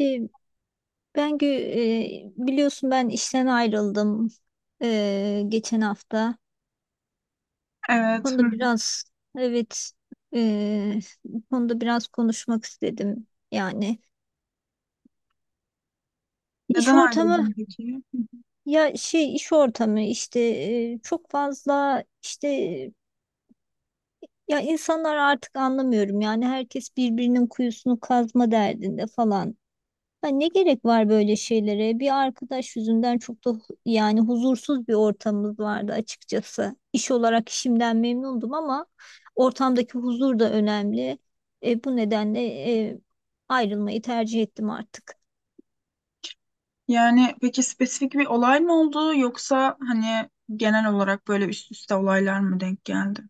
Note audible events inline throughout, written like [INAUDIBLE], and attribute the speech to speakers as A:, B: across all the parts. A: E, ben gö- biliyorsun ben işten ayrıldım geçen hafta. Bu
B: Evet, hı hı.
A: Konuda biraz evet e, bu konuda biraz konuşmak istedim. Yani iş
B: Neden
A: ortamı
B: ayrıldın peki? Hı hı.
A: ya şey iş ortamı işte e, çok fazla işte, insanlar artık anlamıyorum, yani herkes birbirinin kuyusunu kazma derdinde falan. Ya ne gerek var böyle şeylere? Bir arkadaş yüzünden çok da yani huzursuz bir ortamımız vardı açıkçası. İş olarak işimden memnundum ama ortamdaki huzur da önemli. Bu nedenle e, ayrılmayı tercih ettim artık.
B: Yani peki spesifik bir olay mı oldu yoksa hani genel olarak böyle üst üste olaylar mı denk geldi?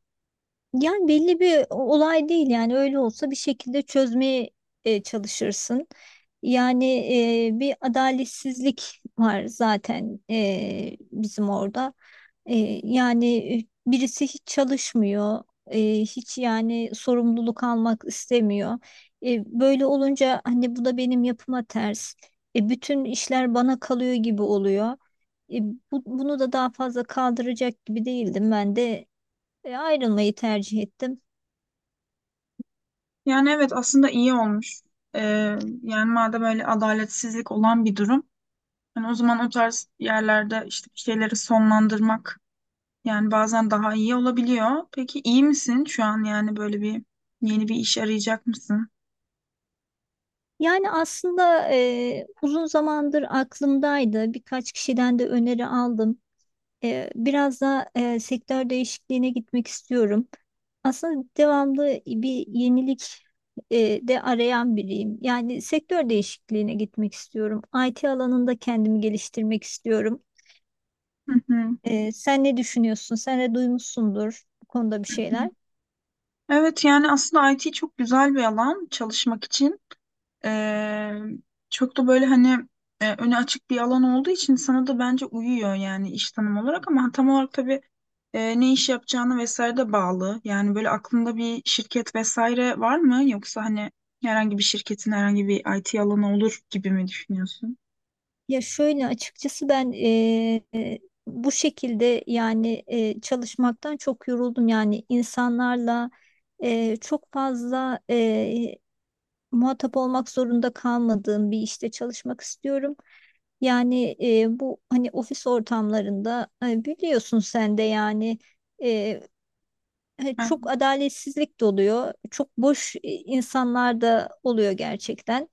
A: Yani belli bir olay değil, yani öyle olsa bir şekilde çözmeye çalışırsın. Yani bir adaletsizlik var zaten bizim orada. E, yani Birisi hiç çalışmıyor, hiç yani sorumluluk almak istemiyor. Böyle olunca hani bu da benim yapıma ters. Bütün işler bana kalıyor gibi oluyor. E, Bunu da daha fazla kaldıracak gibi değildim, ben de ayrılmayı tercih ettim.
B: Yani evet, aslında iyi olmuş. Ee, Yani madem öyle adaletsizlik olan bir durum, hani o zaman o tarz yerlerde işte bir şeyleri sonlandırmak yani bazen daha iyi olabiliyor. Peki iyi misin şu an, yani böyle bir yeni bir iş arayacak mısın?
A: Yani aslında uzun zamandır aklımdaydı. Birkaç kişiden de öneri aldım. Biraz da sektör değişikliğine gitmek istiyorum. Aslında devamlı bir yenilik de arayan biriyim. Yani sektör değişikliğine gitmek istiyorum. IT alanında kendimi geliştirmek istiyorum.
B: Hı hı.
A: Sen ne düşünüyorsun? Sen de duymuşsundur bu konuda bir şeyler.
B: Evet, yani aslında IT çok güzel bir alan çalışmak için. Ee, Çok da böyle hani öne açık bir alan olduğu için sana da bence uyuyor yani iş tanım olarak, ama tam olarak tabii ne iş yapacağına vesaire de bağlı. Yani böyle aklında bir şirket vesaire var mı? Yoksa hani herhangi bir şirketin herhangi bir IT alanı olur gibi mi düşünüyorsun?
A: Ya şöyle açıkçası ben bu şekilde, yani çalışmaktan çok yoruldum. Yani insanlarla çok fazla muhatap olmak zorunda kalmadığım bir işte çalışmak istiyorum. Yani bu hani ofis ortamlarında biliyorsun sen de, yani e,
B: Ha,
A: çok adaletsizlik de oluyor. Çok boş insanlar da oluyor gerçekten.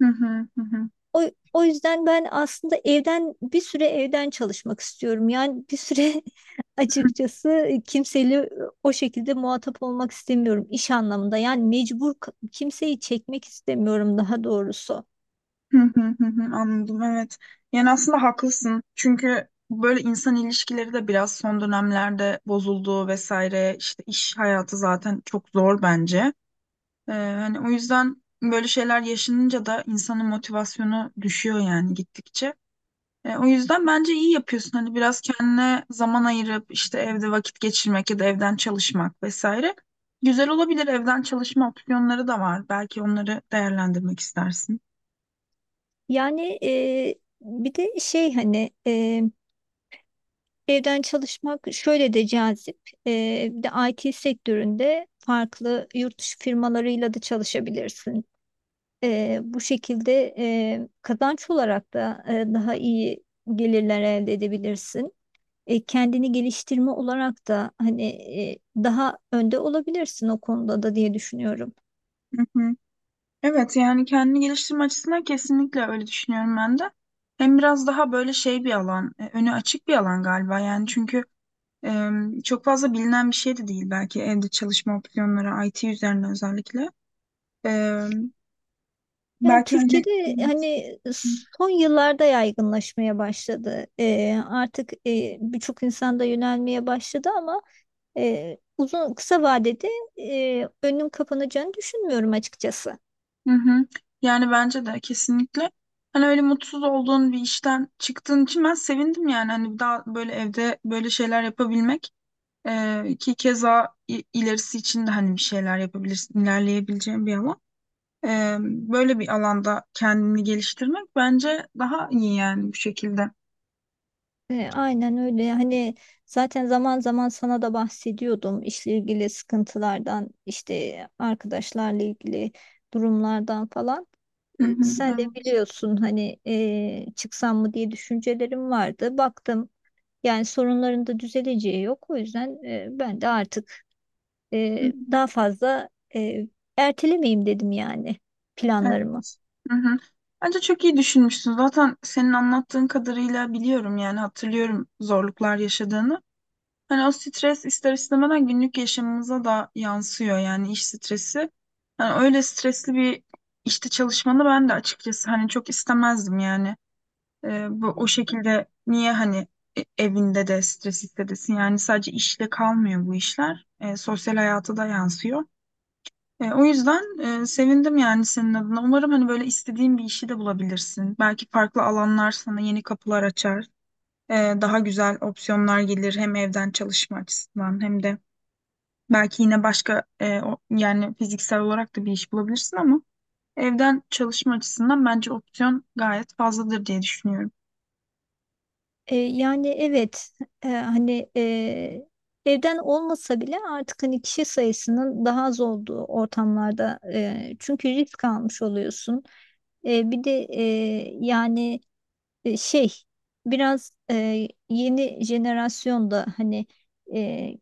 B: hı hı hı, hı.
A: O, o yüzden ben aslında bir süre evden çalışmak istiyorum. Yani bir süre [LAUGHS] açıkçası kimseyle o şekilde muhatap olmak istemiyorum iş anlamında. Yani mecbur kimseyi çekmek istemiyorum, daha doğrusu.
B: Hı hı hı hı, anladım, evet. Yani aslında haklısın. Çünkü böyle insan ilişkileri de biraz son dönemlerde bozuldu vesaire. İşte iş hayatı zaten çok zor bence. Hani o yüzden böyle şeyler yaşanınca da insanın motivasyonu düşüyor yani gittikçe. O yüzden bence iyi yapıyorsun. Hani biraz kendine zaman ayırıp işte evde vakit geçirmek ya da evden çalışmak vesaire. Güzel olabilir, evden çalışma opsiyonları da var. Belki onları değerlendirmek istersin.
A: Yani bir de evden çalışmak şöyle de cazip. Bir de IT sektöründe farklı yurt dışı firmalarıyla da çalışabilirsin. Bu şekilde kazanç olarak da daha iyi gelirler elde edebilirsin. Kendini geliştirme olarak da hani daha önde olabilirsin o konuda da diye düşünüyorum.
B: Hı hı. Evet, yani kendini geliştirme açısından kesinlikle öyle düşünüyorum ben de. Hem biraz daha böyle şey bir alan, önü açık bir alan galiba yani, çünkü e, çok fazla bilinen bir şey de değil belki evde çalışma opsiyonları IT üzerine özellikle. E,
A: Yani
B: Belki yani
A: Türkiye'de hani son yıllarda yaygınlaşmaya başladı. Artık birçok insan da yönelmeye başladı ama uzun kısa vadede önüm kapanacağını düşünmüyorum açıkçası.
B: hı hı. Yani bence de kesinlikle hani öyle mutsuz olduğun bir işten çıktığın için ben sevindim, yani hani daha böyle evde böyle şeyler yapabilmek. Ki keza ilerisi için de hani bir şeyler yapabilirsin, ilerleyebileceğin bir alan. Böyle bir alanda kendini geliştirmek bence daha iyi yani bu şekilde.
A: Aynen öyle. Hani zaten zaman zaman sana da bahsediyordum işle ilgili sıkıntılardan, işte arkadaşlarla ilgili durumlardan falan.
B: Hı hı,
A: Sen de
B: evet.
A: biliyorsun hani, çıksam mı diye düşüncelerim vardı. Baktım. Yani sorunların da düzeleceği yok. O yüzden ben de artık
B: Hı hı,
A: daha fazla e, ertelemeyeyim dedim, yani planlarımı.
B: evet. Hı hı. Bence çok iyi düşünmüşsün. Zaten senin anlattığın kadarıyla biliyorum yani, hatırlıyorum zorluklar yaşadığını. Hani o stres ister istemeden günlük yaşamımıza da yansıyor yani, iş stresi. Hani öyle stresli bir işte çalışmanı ben de açıkçası hani çok istemezdim yani. Bu, o şekilde niye hani evinde de stres hissedesin? Yani sadece işle kalmıyor bu işler. Sosyal hayata da yansıyor. O yüzden sevindim yani senin adına. Umarım hani böyle istediğin bir işi de bulabilirsin. Belki farklı alanlar sana yeni kapılar açar. Ee, Daha güzel opsiyonlar gelir, hem evden çalışma açısından hem de belki yine başka yani fiziksel olarak da bir iş bulabilirsin, ama evden çalışma açısından bence opsiyon gayet fazladır diye düşünüyorum.
A: Yani evet, hani, evden olmasa bile artık hani kişi sayısının daha az olduğu ortamlarda, çünkü risk almış oluyorsun. Bir de yani e, şey biraz yeni jenerasyonda hani e,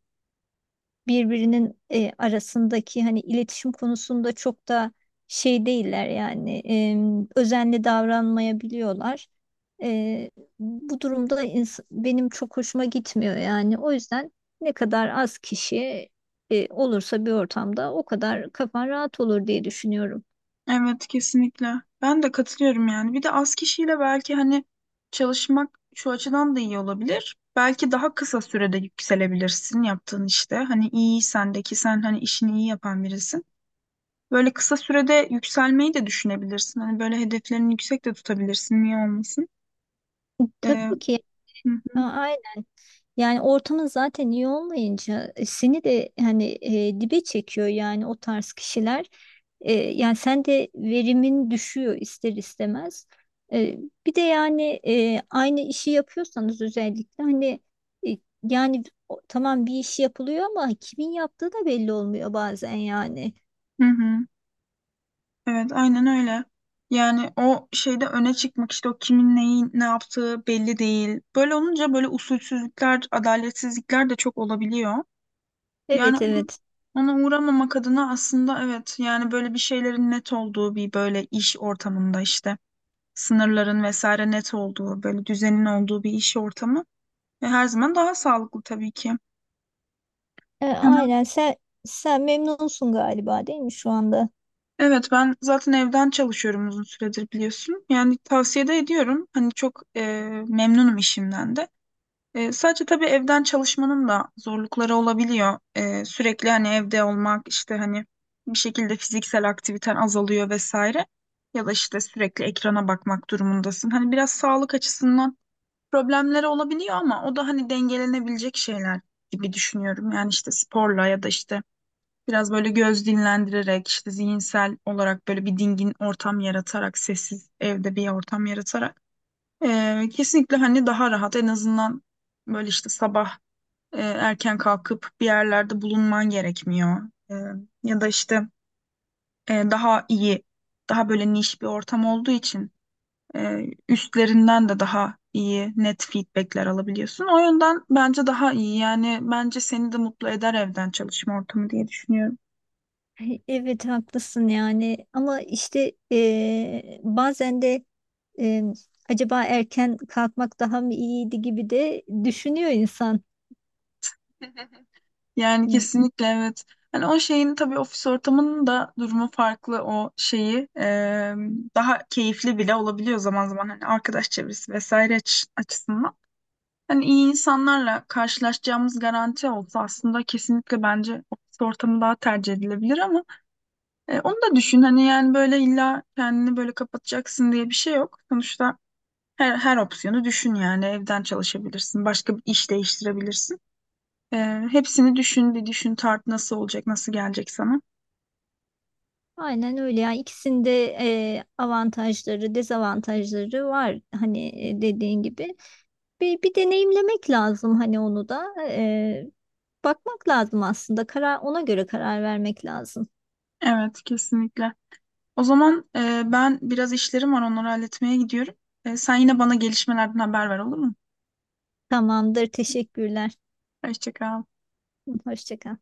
A: birbirinin arasındaki hani iletişim konusunda çok da şey değiller, yani özenli davranmayabiliyorlar. E, Bu durumda benim çok hoşuma gitmiyor, yani o yüzden ne kadar az kişi olursa bir ortamda o kadar kafan rahat olur diye düşünüyorum.
B: Evet, kesinlikle. Ben de katılıyorum yani. Bir de az kişiyle belki hani çalışmak şu açıdan da iyi olabilir. Belki daha kısa sürede yükselebilirsin yaptığın işte. Hani iyi sendeki, sen hani işini iyi yapan birisin. Böyle kısa sürede yükselmeyi de düşünebilirsin. Hani böyle hedeflerini yüksek de tutabilirsin. Niye olmasın? Ee,
A: Tabii ki.
B: hı
A: a- Yani ortamın zaten iyi olmayınca seni de hani dibe çekiyor yani, o tarz kişiler. Yani sen de verimin düşüyor ister istemez. E, Bir de yani, aynı işi yapıyorsanız özellikle hani, e, yani tamam, bir iş yapılıyor ama kimin yaptığı da belli olmuyor bazen yani.
B: hı, hı. Evet, aynen öyle. Yani o şeyde öne çıkmak, işte o kimin neyi ne yaptığı belli değil. Böyle olunca böyle usulsüzlükler, adaletsizlikler de çok olabiliyor. Yani
A: Evet, evet.
B: ona uğramamak adına aslında, evet yani böyle bir şeylerin net olduğu bir böyle iş ortamında, işte sınırların vesaire net olduğu böyle düzenin olduğu bir iş ortamı ve her zaman daha sağlıklı tabii ki. Hemen.
A: Aynen. Sen memnunsun galiba, değil mi şu anda?
B: Evet, ben zaten evden çalışıyorum uzun süredir, biliyorsun. Yani tavsiye de ediyorum. Hani çok memnunum işimden de. Sadece tabii evden çalışmanın da zorlukları olabiliyor. Sürekli hani evde olmak, işte hani bir şekilde fiziksel aktiviten azalıyor vesaire. Ya da işte sürekli ekrana bakmak durumundasın. Hani biraz sağlık açısından problemleri olabiliyor, ama o da hani dengelenebilecek şeyler gibi düşünüyorum. Yani işte sporla ya da işte biraz böyle göz dinlendirerek, işte zihinsel olarak böyle bir dingin ortam yaratarak, sessiz evde bir ortam yaratarak. Kesinlikle hani daha rahat, en azından böyle işte sabah erken kalkıp bir yerlerde bulunman gerekmiyor. Ee, Ya da işte daha iyi, daha böyle niş bir ortam olduğu için e, üstlerinden de daha iyi net feedbackler alabiliyorsun. O yönden bence daha iyi, yani bence seni de mutlu eder evden çalışma ortamı diye düşünüyorum.
A: Ay, evet haklısın yani, ama işte bazen de eee, acaba erken kalkmak daha mı iyiydi gibi de düşünüyor insan.
B: Yani kesinlikle, evet. Hani o şeyin tabii, ofis ortamının da durumu farklı, o şeyi daha keyifli bile olabiliyor zaman zaman hani arkadaş çevresi vesaire açısından. Hani iyi insanlarla karşılaşacağımız garanti olsa aslında kesinlikle bence ofis ortamı daha tercih edilebilir, ama onu da düşün hani, yani böyle illa kendini böyle kapatacaksın diye bir şey yok. Sonuçta her opsiyonu düşün yani, evden çalışabilirsin, başka bir iş değiştirebilirsin. Hepsini düşün, bir düşün, tart nasıl olacak, nasıl gelecek sana.
A: Aynen öyle. Yani ikisinde avantajları, dezavantajları var hani, dediğin gibi. Bir deneyimlemek lazım hani, onu da. Bakmak lazım aslında, ona göre karar vermek lazım.
B: Evet, kesinlikle. O zaman ben biraz işlerim var, onları halletmeye gidiyorum. Sen yine bana gelişmelerden haber ver, olur mu?
A: Tamamdır, teşekkürler.
B: Hoşça kal.
A: Hoşça kal.